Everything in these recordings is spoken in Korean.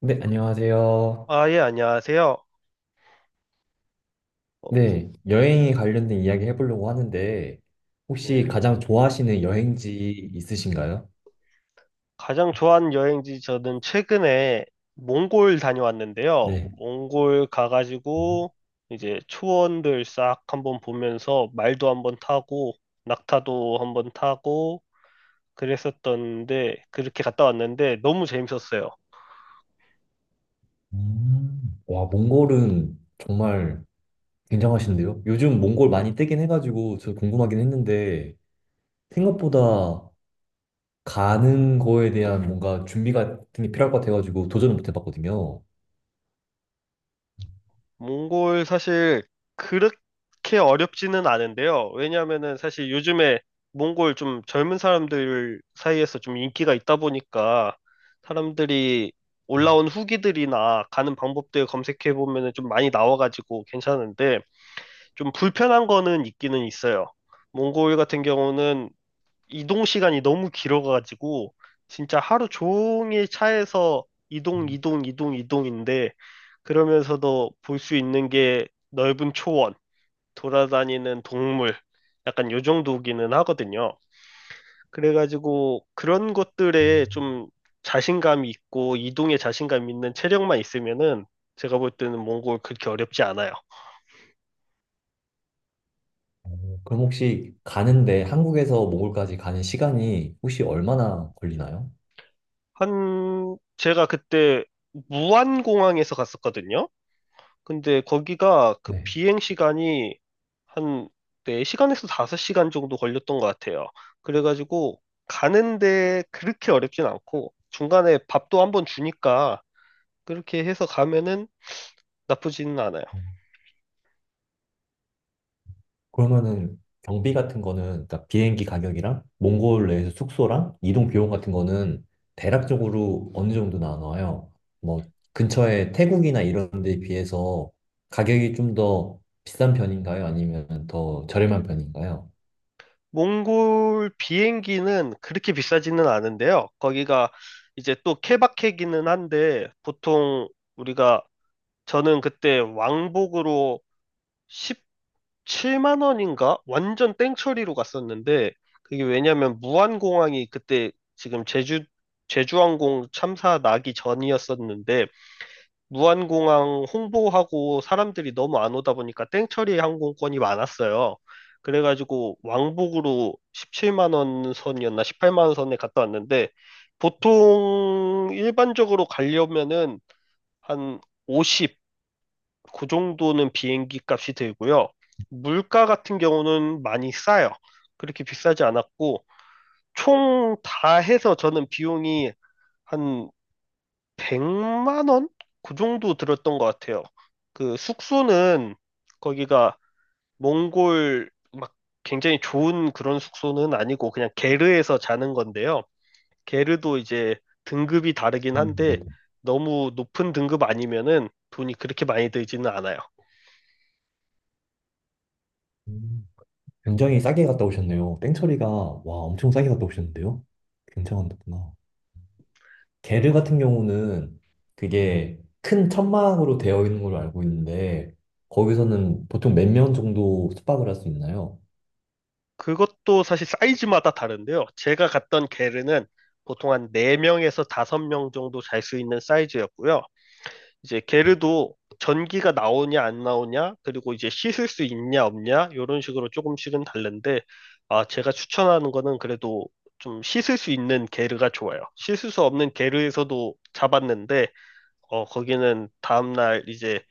네, 안녕하세요. 아, 예, 안녕하세요. 어, 혹, 네, 여행에 관련된 이야기 해보려고 하는데, 혹시 예. 가장 좋아하시는 여행지 있으신가요? 가장 좋아하는 여행지 저는 최근에 몽골 다녀왔는데요. 네. 몽골 가가지고 이제 초원들 싹 한번 보면서 말도 한번 타고 낙타도 한번 타고 그랬었던데 그렇게 갔다 왔는데 너무 재밌었어요. 음. 와, 몽골은 정말 굉장하신데요? 요즘 몽골 많이 뜨긴 해가지고, 저 궁금하긴 했는데, 생각보다 가는 거에 대한 뭔가 준비 같은 게 필요할 것 같아가지고, 도전을 못 해봤거든요. 몽골 사실 그렇게 어렵지는 않은데요. 왜냐하면은 사실 요즘에 몽골 좀 젊은 사람들 사이에서 좀 인기가 있다 보니까 사람들이 올라온 후기들이나 가는 방법들 검색해 보면은 좀 많이 나와가지고 괜찮은데 좀 불편한 거는 있기는 있어요. 몽골 같은 경우는 이동 시간이 너무 길어가지고 진짜 하루 종일 차에서 이동, 음. 이동, 이동, 이동인데 그러면서도 볼 수 있는 게 넓은 초원, 돌아다니는 동물, 약간 요 정도기는 하거든요. 그래가지고 그런 것들에 좀 자신감이 있고 이동에 자신감 있는 체력만 있으면은 제가 볼 때는 몽골 그렇게 어렵지 않아요. 그럼 혹시 가는데 한국에서 몽골까지 가는 시간이 혹시 얼마나 걸리나요? 한 제가 그때 무안공항에서 갔었거든요. 근데 거기가 그 네. 비행 시간이 한 4시간에서 5시간 정도 걸렸던 것 같아요. 그래가지고 가는데 그렇게 어렵진 않고 중간에 밥도 한번 주니까 그렇게 해서 가면은 나쁘지는 않아요. 그러면은 경비 같은 거는 그러니까 비행기 가격이랑 몽골 내에서 숙소랑 이동 비용 같은 거는 대략적으로 어느 정도 나눠요? 뭐 근처에 태국이나 이런 데에 비해서 가격이 좀 더 비싼 편인가요? 아니면 더 저렴한 편인가요? 몽골 비행기는 그렇게 비싸지는 않은데요. 거기가 이제 또 케바케기는 한데 보통 우리가 저는 그때 왕복으로 1 7만 원인가? 완전 땡처리로 갔었는데 그게 왜냐면 무안공항이 그때 지금 제주항공 참사 나기 전이었었는데 무안공항 홍보하고 사람들이 너무 안 오다 보니까 땡처리 항공권이 많았어요. 그래가지고 왕복으로 17만 원 선이었나 18만 원 선에 갔다 왔는데 보통 일반적으로 가려면은 한 50, 그 정도는 비행기 값이 들고요. 물가 같은 경우는 많이 싸요. 그렇게 비싸지 않았고, 총 다 해서 저는 비용이 한 100만 원? 그 정도 들었던 것 같아요. 그 숙소는 거기가 몽골 막 굉장히 좋은 그런 숙소는 아니고 그냥 게르에서 자는 건데요. 게르도 이제 등급이 다르긴 한데 네. 너무 높은 등급 아니면은 돈이 그렇게 많이 들지는 않아요. 음, 굉장히 싸게 갔다 오셨네요. 땡처리가 와 엄청 싸게 갔다 오셨는데요? 굉장하구나. 네, 게르 뭐 같은 경우는 그게 큰 천막으로 되어 있는 걸로 알고 있는데 거기서는 보통 몇 명 정도 숙박을 할 수 있나요? 그것도 사실 사이즈마다 다른데요. 제가 갔던 게르는 보통 한 4명에서 5명 정도 잘 수 있는 사이즈였고요. 이제 게르도 전기가 나오냐 안 나오냐, 그리고 이제 씻을 수 있냐 없냐, 이런 식으로 조금씩은 다른데, 아, 제가 추천하는 거는 그래도 좀 씻을 수 있는 게르가 좋아요. 씻을 수 없는 게르에서도 잡았는데, 어, 거기는 다음날 이제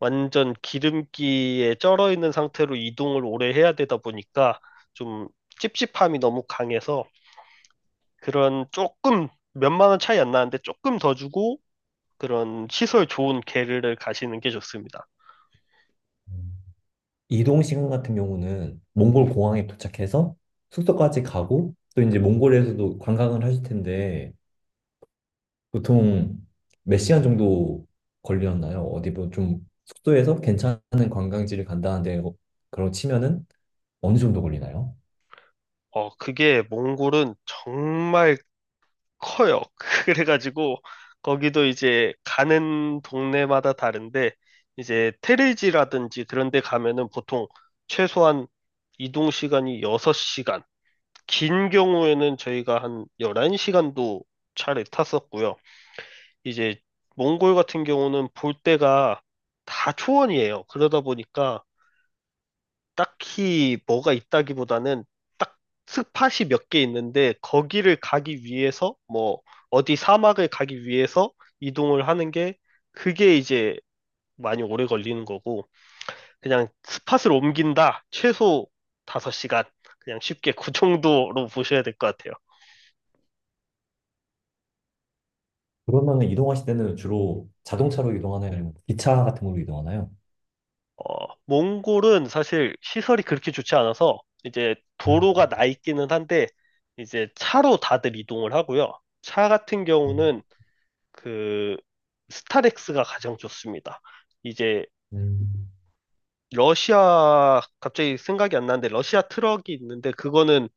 완전 기름기에 쩔어 있는 상태로 이동을 오래 해야 되다 보니까 좀 찝찝함이 너무 강해서 그런 조금 몇만 원 차이 안 나는데 조금 더 주고 그런 시설 좋은 게르를 가시는 게 좋습니다. 이동 시간 같은 경우는 몽골 공항에 도착해서 숙소까지 가고 또 이제 몽골에서도 관광을 하실 텐데 보통 몇 시간 정도 걸렸나요? 어디 뭐좀 숙소에서 괜찮은 관광지를 간다는데 그런 치면은 어느 정도 걸리나요? 어, 그게 몽골은 정말 커요. 그래가지고 거기도 이제 가는 동네마다 다른데 이제 테레지라든지 그런 데 가면은 보통 최소한 이동 시간이 6시간, 긴 경우에는 저희가 한 11시간도 차를 탔었고요. 이제 몽골 같은 경우는 볼 때가 다 초원이에요. 그러다 보니까 딱히 뭐가 있다기보다는 딱 스팟이 몇 개 있는데 거기를 가기 위해서 뭐 어디 사막을 가기 위해서 이동을 하는 게 그게 이제 많이 오래 걸리는 거고 그냥 스팟을 옮긴다 최소 5시간 그냥 쉽게 그 정도로 보셔야 될 것 같아요. 그러면은 이동하실 때는 주로 자동차로 이동하나요? 아니면 기차 같은 걸로 이동하나요? 어, 몽골은 사실 시설이 그렇게 좋지 않아서 이제 음, 도로가 나 있기는 한데 이제 차로 다들 이동을 하고요. 차 같은 음, 경우는 그 스타렉스가 가장 좋습니다. 이제 음, 러시아 갑자기 생각이 안 나는데 러시아 트럭이 있는데 그거는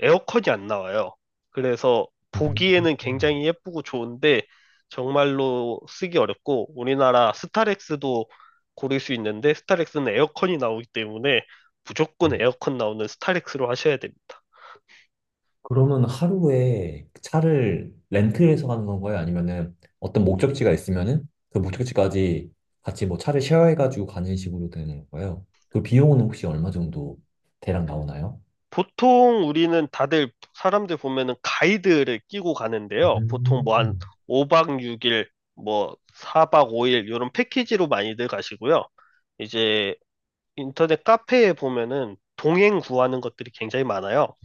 에어컨이 안 나와요. 그래서 보기에는 음. 굉장히 예쁘고 좋은데 정말로 쓰기 어렵고 우리나라 스타렉스도 고를 수 있는데 스타렉스는 에어컨이 나오기 때문에 무조건 에어컨 나오는 스타렉스로 하셔야 됩니다. 그러면 하루에 차를 렌트해서 가는 건가요? 아니면은 어떤 목적지가 있으면은 그 목적지까지 같이 뭐 차를 쉐어해가지고 가는 식으로 되는 건가요? 그 비용은 혹시 얼마 정도 대략 나오나요? 보통 우리는 다들 사람들 보면은 가이드를 끼고 가는데요. 보통 뭐 한 음, 5박 6일, 뭐 4박 5일 이런 패키지로 많이들 가시고요. 이제 인터넷 카페에 보면은 동행 구하는 것들이 굉장히 많아요.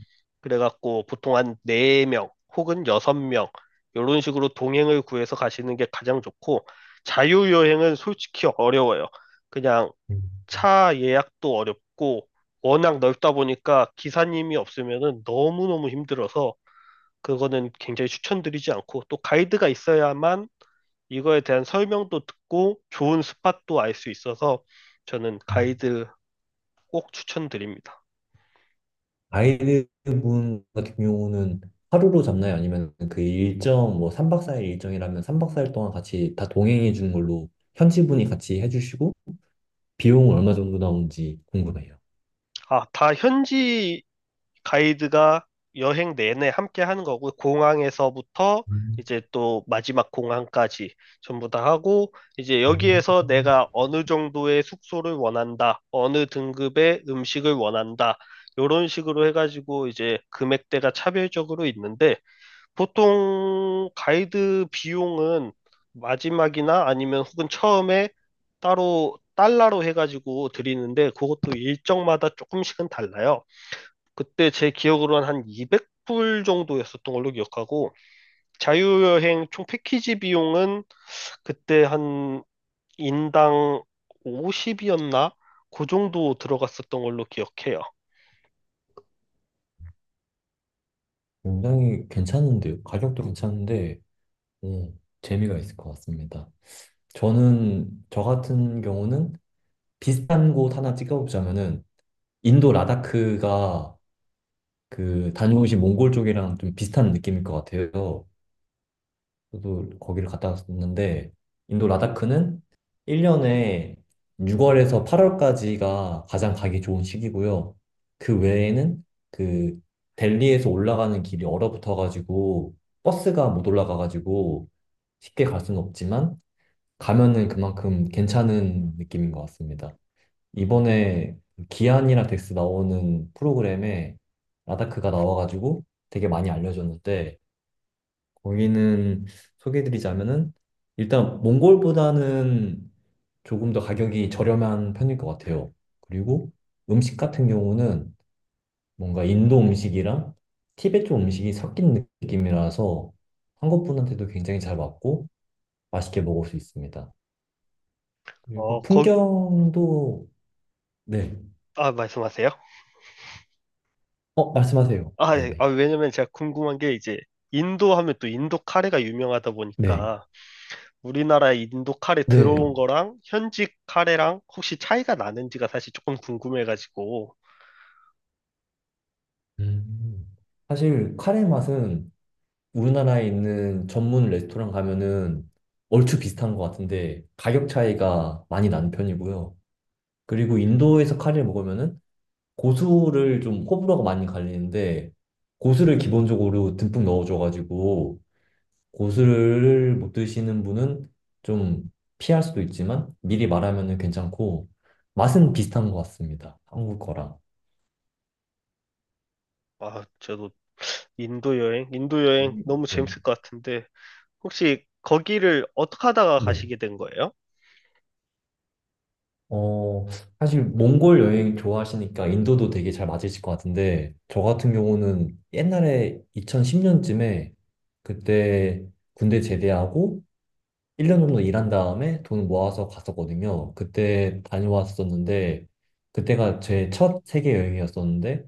그래갖고 보통 한 4명 혹은 6명 이런 식으로 동행을 구해서 가시는 게 가장 좋고 자유여행은 솔직히 어려워요. 그냥 음, 차 예약도 어렵고 워낙 넓다 보니까 기사님이 없으면은 너무너무 힘들어서 그거는 굉장히 추천드리지 않고 또 가이드가 있어야만 이거에 대한 설명도 듣고 좋은 스팟도 알 수 있어서 저는 음. 가이드 꼭 추천드립니다. 가이드분 같은 경우는 하루로 잡나요? 아니면 그 일정, 뭐 3박 4일 일정이라면 3박 4일 동안 같이 다 동행해 주는 걸로 현지 분이 같이 해주시고 비용은 얼마 정도 나오는지 궁금해요. 아, 다 현지 가이드가 여행 내내 함께 하는 거고, 공항에서부터 음, 이제 또 마지막 공항까지 전부 다 하고, 이제 음. 여기에서 내가 어느 정도의 숙소를 원한다, 어느 등급의 음식을 원한다, 요런 식으로 해가지고 이제 금액대가 차별적으로 있는데, 보통 가이드 비용은 마지막이나 아니면 혹은 처음에 따로 달러로 해가지고 드리는데 그것도 일정마다 조금씩은 달라요. 그때 제 기억으로는 한 200불 정도였었던 걸로 기억하고 자유여행 총 패키지 비용은 그때 한 인당 50이었나? 그 정도 들어갔었던 걸로 기억해요. 굉장히 괜찮은데요. 가격도 괜찮은데, 재미가 있을 것 같습니다. 저는, 저 같은 경우는 비슷한 곳 하나 찍어보자면은, 인도 라다크가 그 다녀오신 몽골 쪽이랑 좀 비슷한 느낌일 것 같아요. 저도 거기를 갔다 왔었는데 인도 라다크는 1년에 6월에서 8월까지가 가장 가기 좋은 시기고요. 그 외에는 그 델리에서 올라가는 길이 얼어붙어가지고 버스가 못 올라가가지고 쉽게 갈 수는 없지만 가면은 그만큼 괜찮은 느낌인 것 같습니다. 이번에 기안이랑 덱스 나오는 프로그램에 라다크가 나와가지고 되게 많이 알려졌는데 거기는 소개해드리자면은 일단 몽골보다는 조금 더 가격이 저렴한 편일 것 같아요. 그리고 음식 같은 경우는 뭔가 인도 음식이랑 티베트 쪽 음식이 섞인 느낌이라서 한국 분한테도 굉장히 잘 맞고 맛있게 먹을 수 있습니다. 그리고 어, 거, 풍경도 네. 아, 말씀하세요. 말씀하세요. 아, 예. 아, 네네. 왜냐면 제가 궁금한 게 이제 인도 하면 또 인도 카레가 유명하다 네. 보니까 우리나라 인도 카레 네. 들어온 거랑 현지 카레랑 혹시 차이가 나는지가 사실 조금 궁금해가지고 음. 사실 카레 맛은 우리나라에 있는 전문 레스토랑 가면은 얼추 비슷한 것 같은데 가격 차이가 많이 나는 편이고요. 그리고 인도에서 카레를 먹으면은 고수를 좀 호불호가 많이 갈리는데 고수를 기본적으로 듬뿍 넣어줘가지고 고수를 못 드시는 분은 좀 피할 수도 있지만 미리 말하면은 괜찮고 맛은 비슷한 것 같습니다. 한국 거랑. 아, 저도 인도 여행, 인도 여행 음. 너무 네. 재밌을 것 같은데 혹시 거기를 어떻게 하다가 네. 가시게 된 거예요? 어, 사실 몽골 여행 좋아하시니까 인도도 되게 잘 맞으실 것 같은데, 저 같은 경우는 옛날에 2010년쯤에 그때 군대 제대하고 1년 정도 일한 다음에 돈 모아서 갔었거든요. 그때 다녀왔었는데, 그때가 제 첫 세계 여행이었었는데,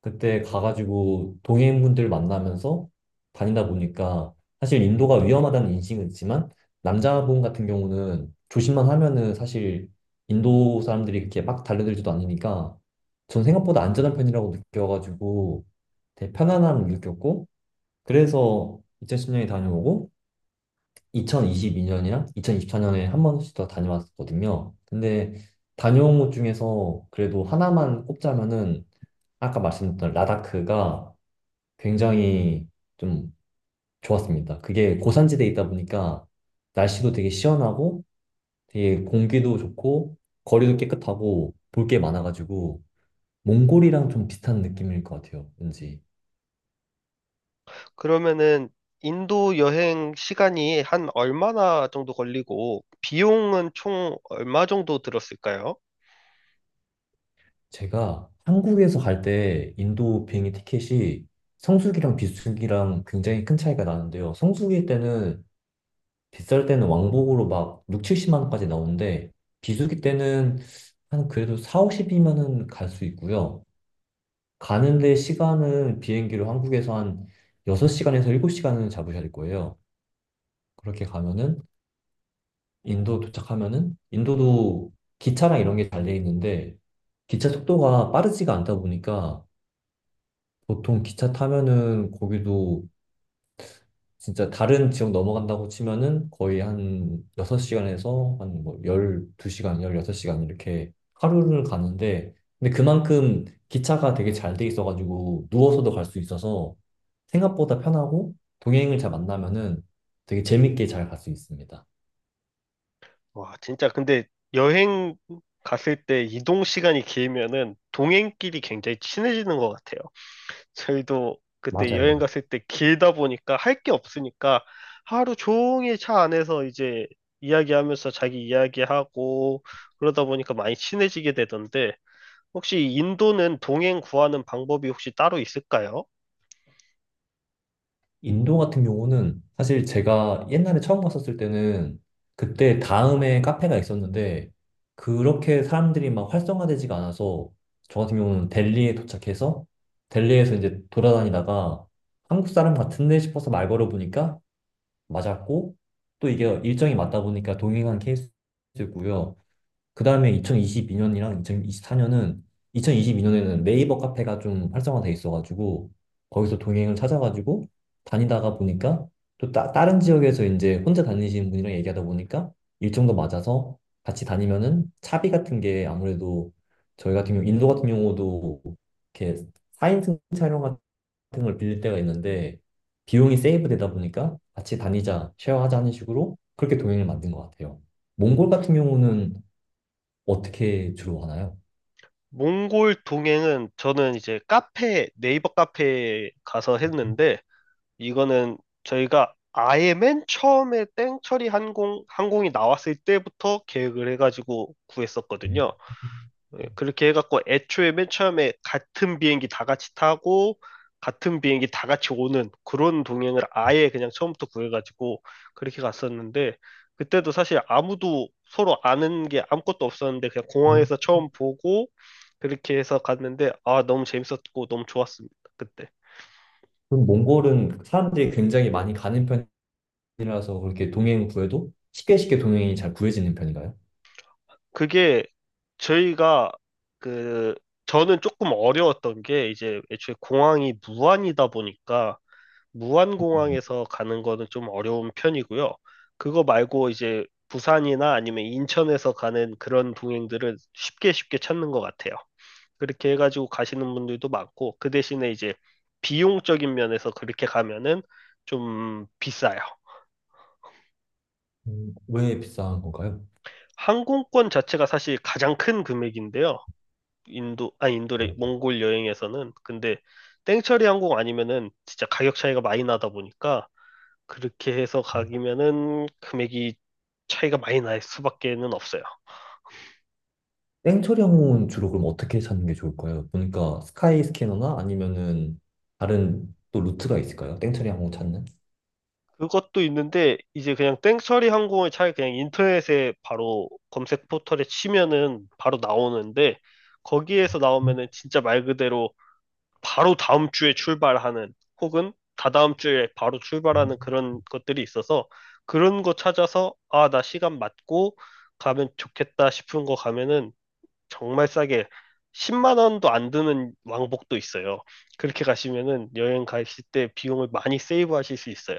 그때 가가지고 동해인분들 만나면서 다니다 보니까 사실 인도가 위험하다는 인식은 있지만 남자분 같은 경우는 조심만 하면은 사실 인도 사람들이 그렇게 막 달려들지도 않으니까 전 생각보다 안전한 편이라고 느껴가지고 되게 편안함을 느꼈고 그래서 2010년에 다녀오고 2022년이랑 2024년에 한 번씩 더 다녀왔거든요. 근데 다녀온 곳 중에서 그래도 하나만 꼽자면은 아까 말씀드렸던 라다크가 굉장히 좀 좋았습니다. 그게 고산지대에 있다 보니까 날씨도 되게 시원하고 되게 공기도 좋고 거리도 깨끗하고 볼 게 많아가지고 몽골이랑 좀 비슷한 느낌일 것 같아요. 왠지 그러면은 인도 여행 시간이 한 얼마나 정도 걸리고 비용은 총 얼마 정도 들었을까요? 제가 한국에서 갈 때 인도 비행기 티켓이 성수기랑 비수기랑 굉장히 큰 차이가 나는데요. 성수기 때는 비쌀 때는 왕복으로 막 6, 70만 원까지 나오는데 비수기 때는 한 그래도 4, 50이면은 갈 수 있고요. 가는데 시간은 비행기로 한국에서 한 6시간에서 7시간은 잡으셔야 될 거예요. 그렇게 가면은 인도 도착하면은 인도도 기차랑 이런 게 잘 돼 있는데 기차 속도가 빠르지가 않다 보니까 보통 기차 타면은 거기도 진짜 다른 지역 넘어간다고 치면은 거의 한 6시간에서 한 뭐 12시간, 16시간 이렇게 하루를 가는데 근데 그만큼 기차가 되게 잘 돼 있어가지고 누워서도 갈 수 있어서 생각보다 편하고 동행을 잘 만나면은 되게 재밌게 잘 갈 수 있습니다. 와, 진짜 근데 여행 갔을 때 이동 시간이 길면은 동행끼리 굉장히 친해지는 것 같아요. 저희도 그때 여행 맞아요. 갔을 때 길다 보니까 할 게 없으니까 하루 종일 차 안에서 이제 이야기하면서 자기 이야기하고 그러다 보니까 많이 친해지게 되던데 혹시 인도는 동행 구하는 방법이 혹시 따로 있을까요? 인도 같은 경우는 사실 제가 옛날에 처음 갔었을 때는 그때 다음에 카페가 있었는데 그렇게 사람들이 막 활성화되지가 않아서 저 같은 경우는 델리에 도착해서 델리에서 이제 돌아다니다가 한국 사람 같은데 싶어서 말 걸어보니까 맞았고 또 이게 일정이 맞다 보니까 동행한 케이스고요. 그 다음에 2022년이랑 2024년은 2022년에는 네이버 카페가 좀 활성화돼 있어가지고 거기서 동행을 찾아가지고 다니다가 보니까 또 다른 지역에서 이제 혼자 다니시는 분이랑 얘기하다 보니까 일정도 맞아서 같이 다니면은 차비 같은 게 아무래도 저희 같은 경우 인도 같은 경우도 이렇게 4인승 차량 같은 걸 빌릴 때가 있는데 비용이 세이브되다 보니까 같이 다니자, 쉐어하자 하는 식으로 그렇게 동행을 만든 것 같아요. 몽골 같은 경우는 어떻게 주로 가나요? 몽골 동행은 저는 이제 카페, 네이버 카페에 가서 했는데 이거는 저희가 아예 맨 처음에 땡처리 항공이 나왔을 때부터 계획을 해가지고 구했었거든요. 예, 그렇게 해갖고 애초에 맨 처음에 같은 비행기 다 같이 타고 같은 비행기 다 같이 오는 그런 동행을 아예 그냥 처음부터 구해가지고 그렇게 갔었는데 그때도 사실 아무도 서로 아는 게 아무것도 없었는데 그냥 음. 공항에서 처음 보고 그렇게 해서 갔는데 아, 너무 재밌었고 너무 좋았습니다. 그때. 그럼 몽골은 사람들이 굉장히 많이 가는 편이라서 그렇게 동행 구해도 쉽게 쉽게 동행이 잘 구해지는 편인가요? 그게 저희가 그 저는 조금 어려웠던 게 이제 애초에 공항이 무안이다 보니까 무안공항에서 가는 거는 좀 어려운 편이고요. 그거 말고 이제 부산이나 아니면 인천에서 가는 그런 동행들을 쉽게 쉽게 찾는 것 같아요. 그렇게 해가지고 가시는 분들도 많고, 그 대신에 이제 비용적인 면에서 그렇게 가면은 좀 비싸요. 왜 비싼 건가요? 항공권 자체가 사실 가장 큰 금액인데요. 인도, 아 인도래, 네, 네. 몽골 여행에서는. 근데 땡처리 항공 아니면은 진짜 가격 차이가 많이 나다 보니까 그렇게 해서 음. 가기면은 금액이 차이가 많이 날 수밖에는 없어요. 땡처리 항공은 주로 그럼 어떻게 찾는 게 좋을까요? 보니까 스카이 스캐너나 아니면은 다른 또 루트가 있을까요? 땡처리 항공 찾는? 그것도 있는데 이제 그냥 땡처리 항공을 차라리 그냥 인터넷에 바로 검색 포털에 치면은 바로 나오는데 거기에서 나오면은 진짜 말 그대로 바로 다음 주에 출발하는 혹은 다다음 주에 바로 출발하는 그런 것들이 있어서 그런 거 찾아서 아, 나 시간 맞고 가면 좋겠다 싶은 거 가면은 정말 싸게 10만 원도 안 드는 왕복도 있어요. 그렇게 가시면은 여행 가실 때 비용을 많이 세이브 하실 수 있어요.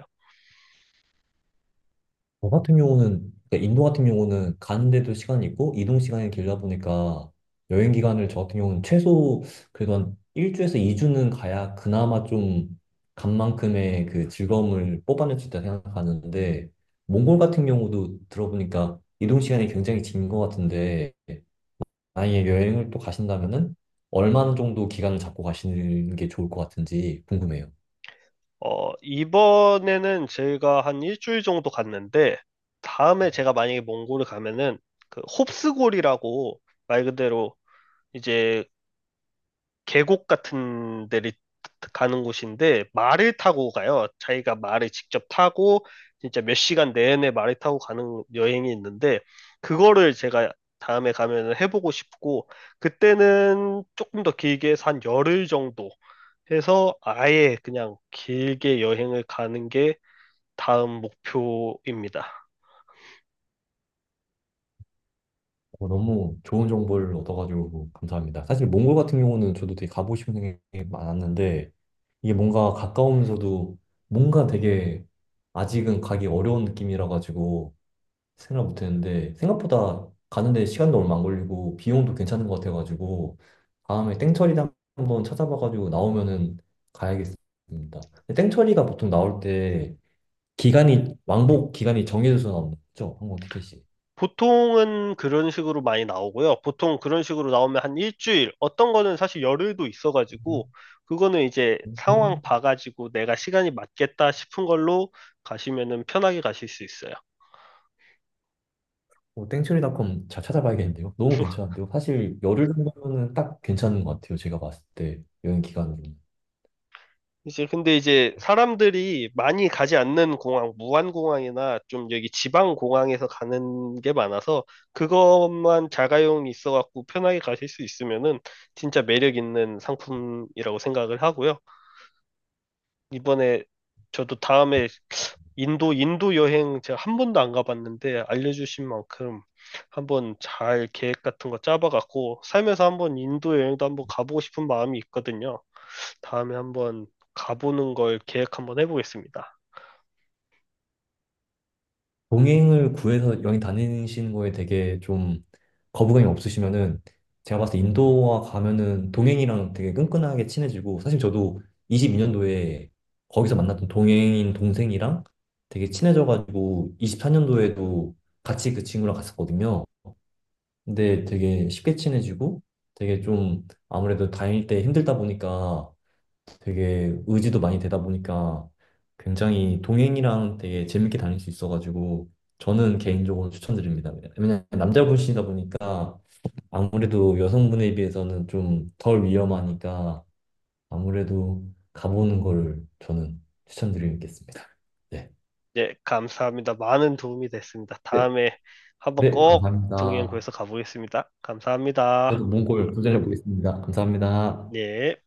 저 같은 경우는, 그러니까 인도 같은 경우는 가는데도 시간이 있고, 이동 시간이 길다 보니까, 여행 기간을 저 같은 경우는 최소, 그래도 한 1주에서 2주는 가야 그나마 좀, 간 만큼의 그 즐거움을 뽑아낼 수 있다 생각하는데, 몽골 같은 경우도 들어보니까, 이동 시간이 굉장히 긴 것 같은데, 만약에 여행을 또 가신다면은, 얼마나 정도 기간을 잡고 가시는 게 좋을 것 같은지 궁금해요. 어, 이번에는 제가 한 일주일 정도 갔는데 다음에 제가 만약에 몽골을 가면은 그 홉스골이라고 말 그대로 이제 계곡 같은 데를 가는 곳인데 말을 타고 가요. 자기가 말을 직접 타고 진짜 몇 시간 내내 말을 타고 가는 여행이 있는데 그거를 제가 다음에 가면 해보고 싶고 그때는 조금 더 길게 해서 한 열흘 정도 해서 아예 그냥 길게 여행을 가는 게 다음 목표입니다. 너무 좋은 정보를 얻어가지고 감사합니다. 사실 몽골 같은 경우는 저도 되게 가보고 싶은 생각이 많았는데 이게 뭔가 가까우면서도 뭔가 되게 아직은 가기 어려운 느낌이라 가지고 생각 못했는데 생각보다 가는데 시간도 얼마 안 걸리고 비용도 괜찮은 것 같아가지고 다음에 땡처리를 한번 찾아봐가지고 나오면은 가야겠습니다. 근데 땡처리가 보통 나올 때 기간이 왕복 기간이 정해져서 나오는 거죠? 항공 티켓이. 보통은 그런 식으로 많이 나오고요. 보통 그런 식으로 나오면 한 일주일, 어떤 거는 사실 열흘도 있어가지고, 그거는 이제 상황 음. 봐가지고 내가 시간이 맞겠다 싶은 걸로 가시면은 편하게 가실 수 있어요. 땡처리닷컴 잘 찾아봐야겠는데요. 너무 괜찮은데요. 사실 열흘 정도면은 딱 괜찮은 것 같아요. 제가 봤을 때 여행 기간으로. 이제 근데 이제 사람들이 많이 가지 않는 공항, 무안공항이나 좀 여기 지방 공항에서 가는 게 많아서 그것만 자가용이 있어갖고 편하게 가실 수 있으면은 진짜 매력 있는 상품이라고 생각을 하고요. 이번에 저도 다음에 인도, 인도 여행 제가 한 번도 안 가봤는데 알려주신 만큼 한번 잘 계획 같은 거 짜봐갖고 살면서 한번 인도 여행도 한번 가보고 싶은 마음이 있거든요. 다음에 한번 가보는 걸 계획 한번 해보겠습니다. 동행을 구해서 여행 다니시는 거에 되게 좀 거부감이 없으시면은 제가 봤을 때 인도와 가면은 동행이랑 되게 끈끈하게 친해지고 사실 저도 22년도에 거기서 만났던 동행인 동생이랑 되게 친해져가지고 24년도에도 같이 그 친구랑 갔었거든요. 근데 되게 쉽게 친해지고 되게 좀 아무래도 다닐 때 힘들다 보니까 되게 의지도 많이 되다 보니까 굉장히 동행이랑 되게 재밌게 다닐 수 있어가지고 저는 개인적으로 추천드립니다. 왜냐면 남자분이시다 보니까 아무래도 여성분에 비해서는 좀 덜 위험하니까 아무래도 가보는 거를 저는 추천드리겠습니다. 네. 예, 감사합니다. 많은 도움이 됐습니다. 네. 다음에 한번 네, 꼭 동행 감사합니다. 구해서 가보겠습니다. 감사합니다. 저도 몽골 도전해 보겠습니다. 감사합니다. 네.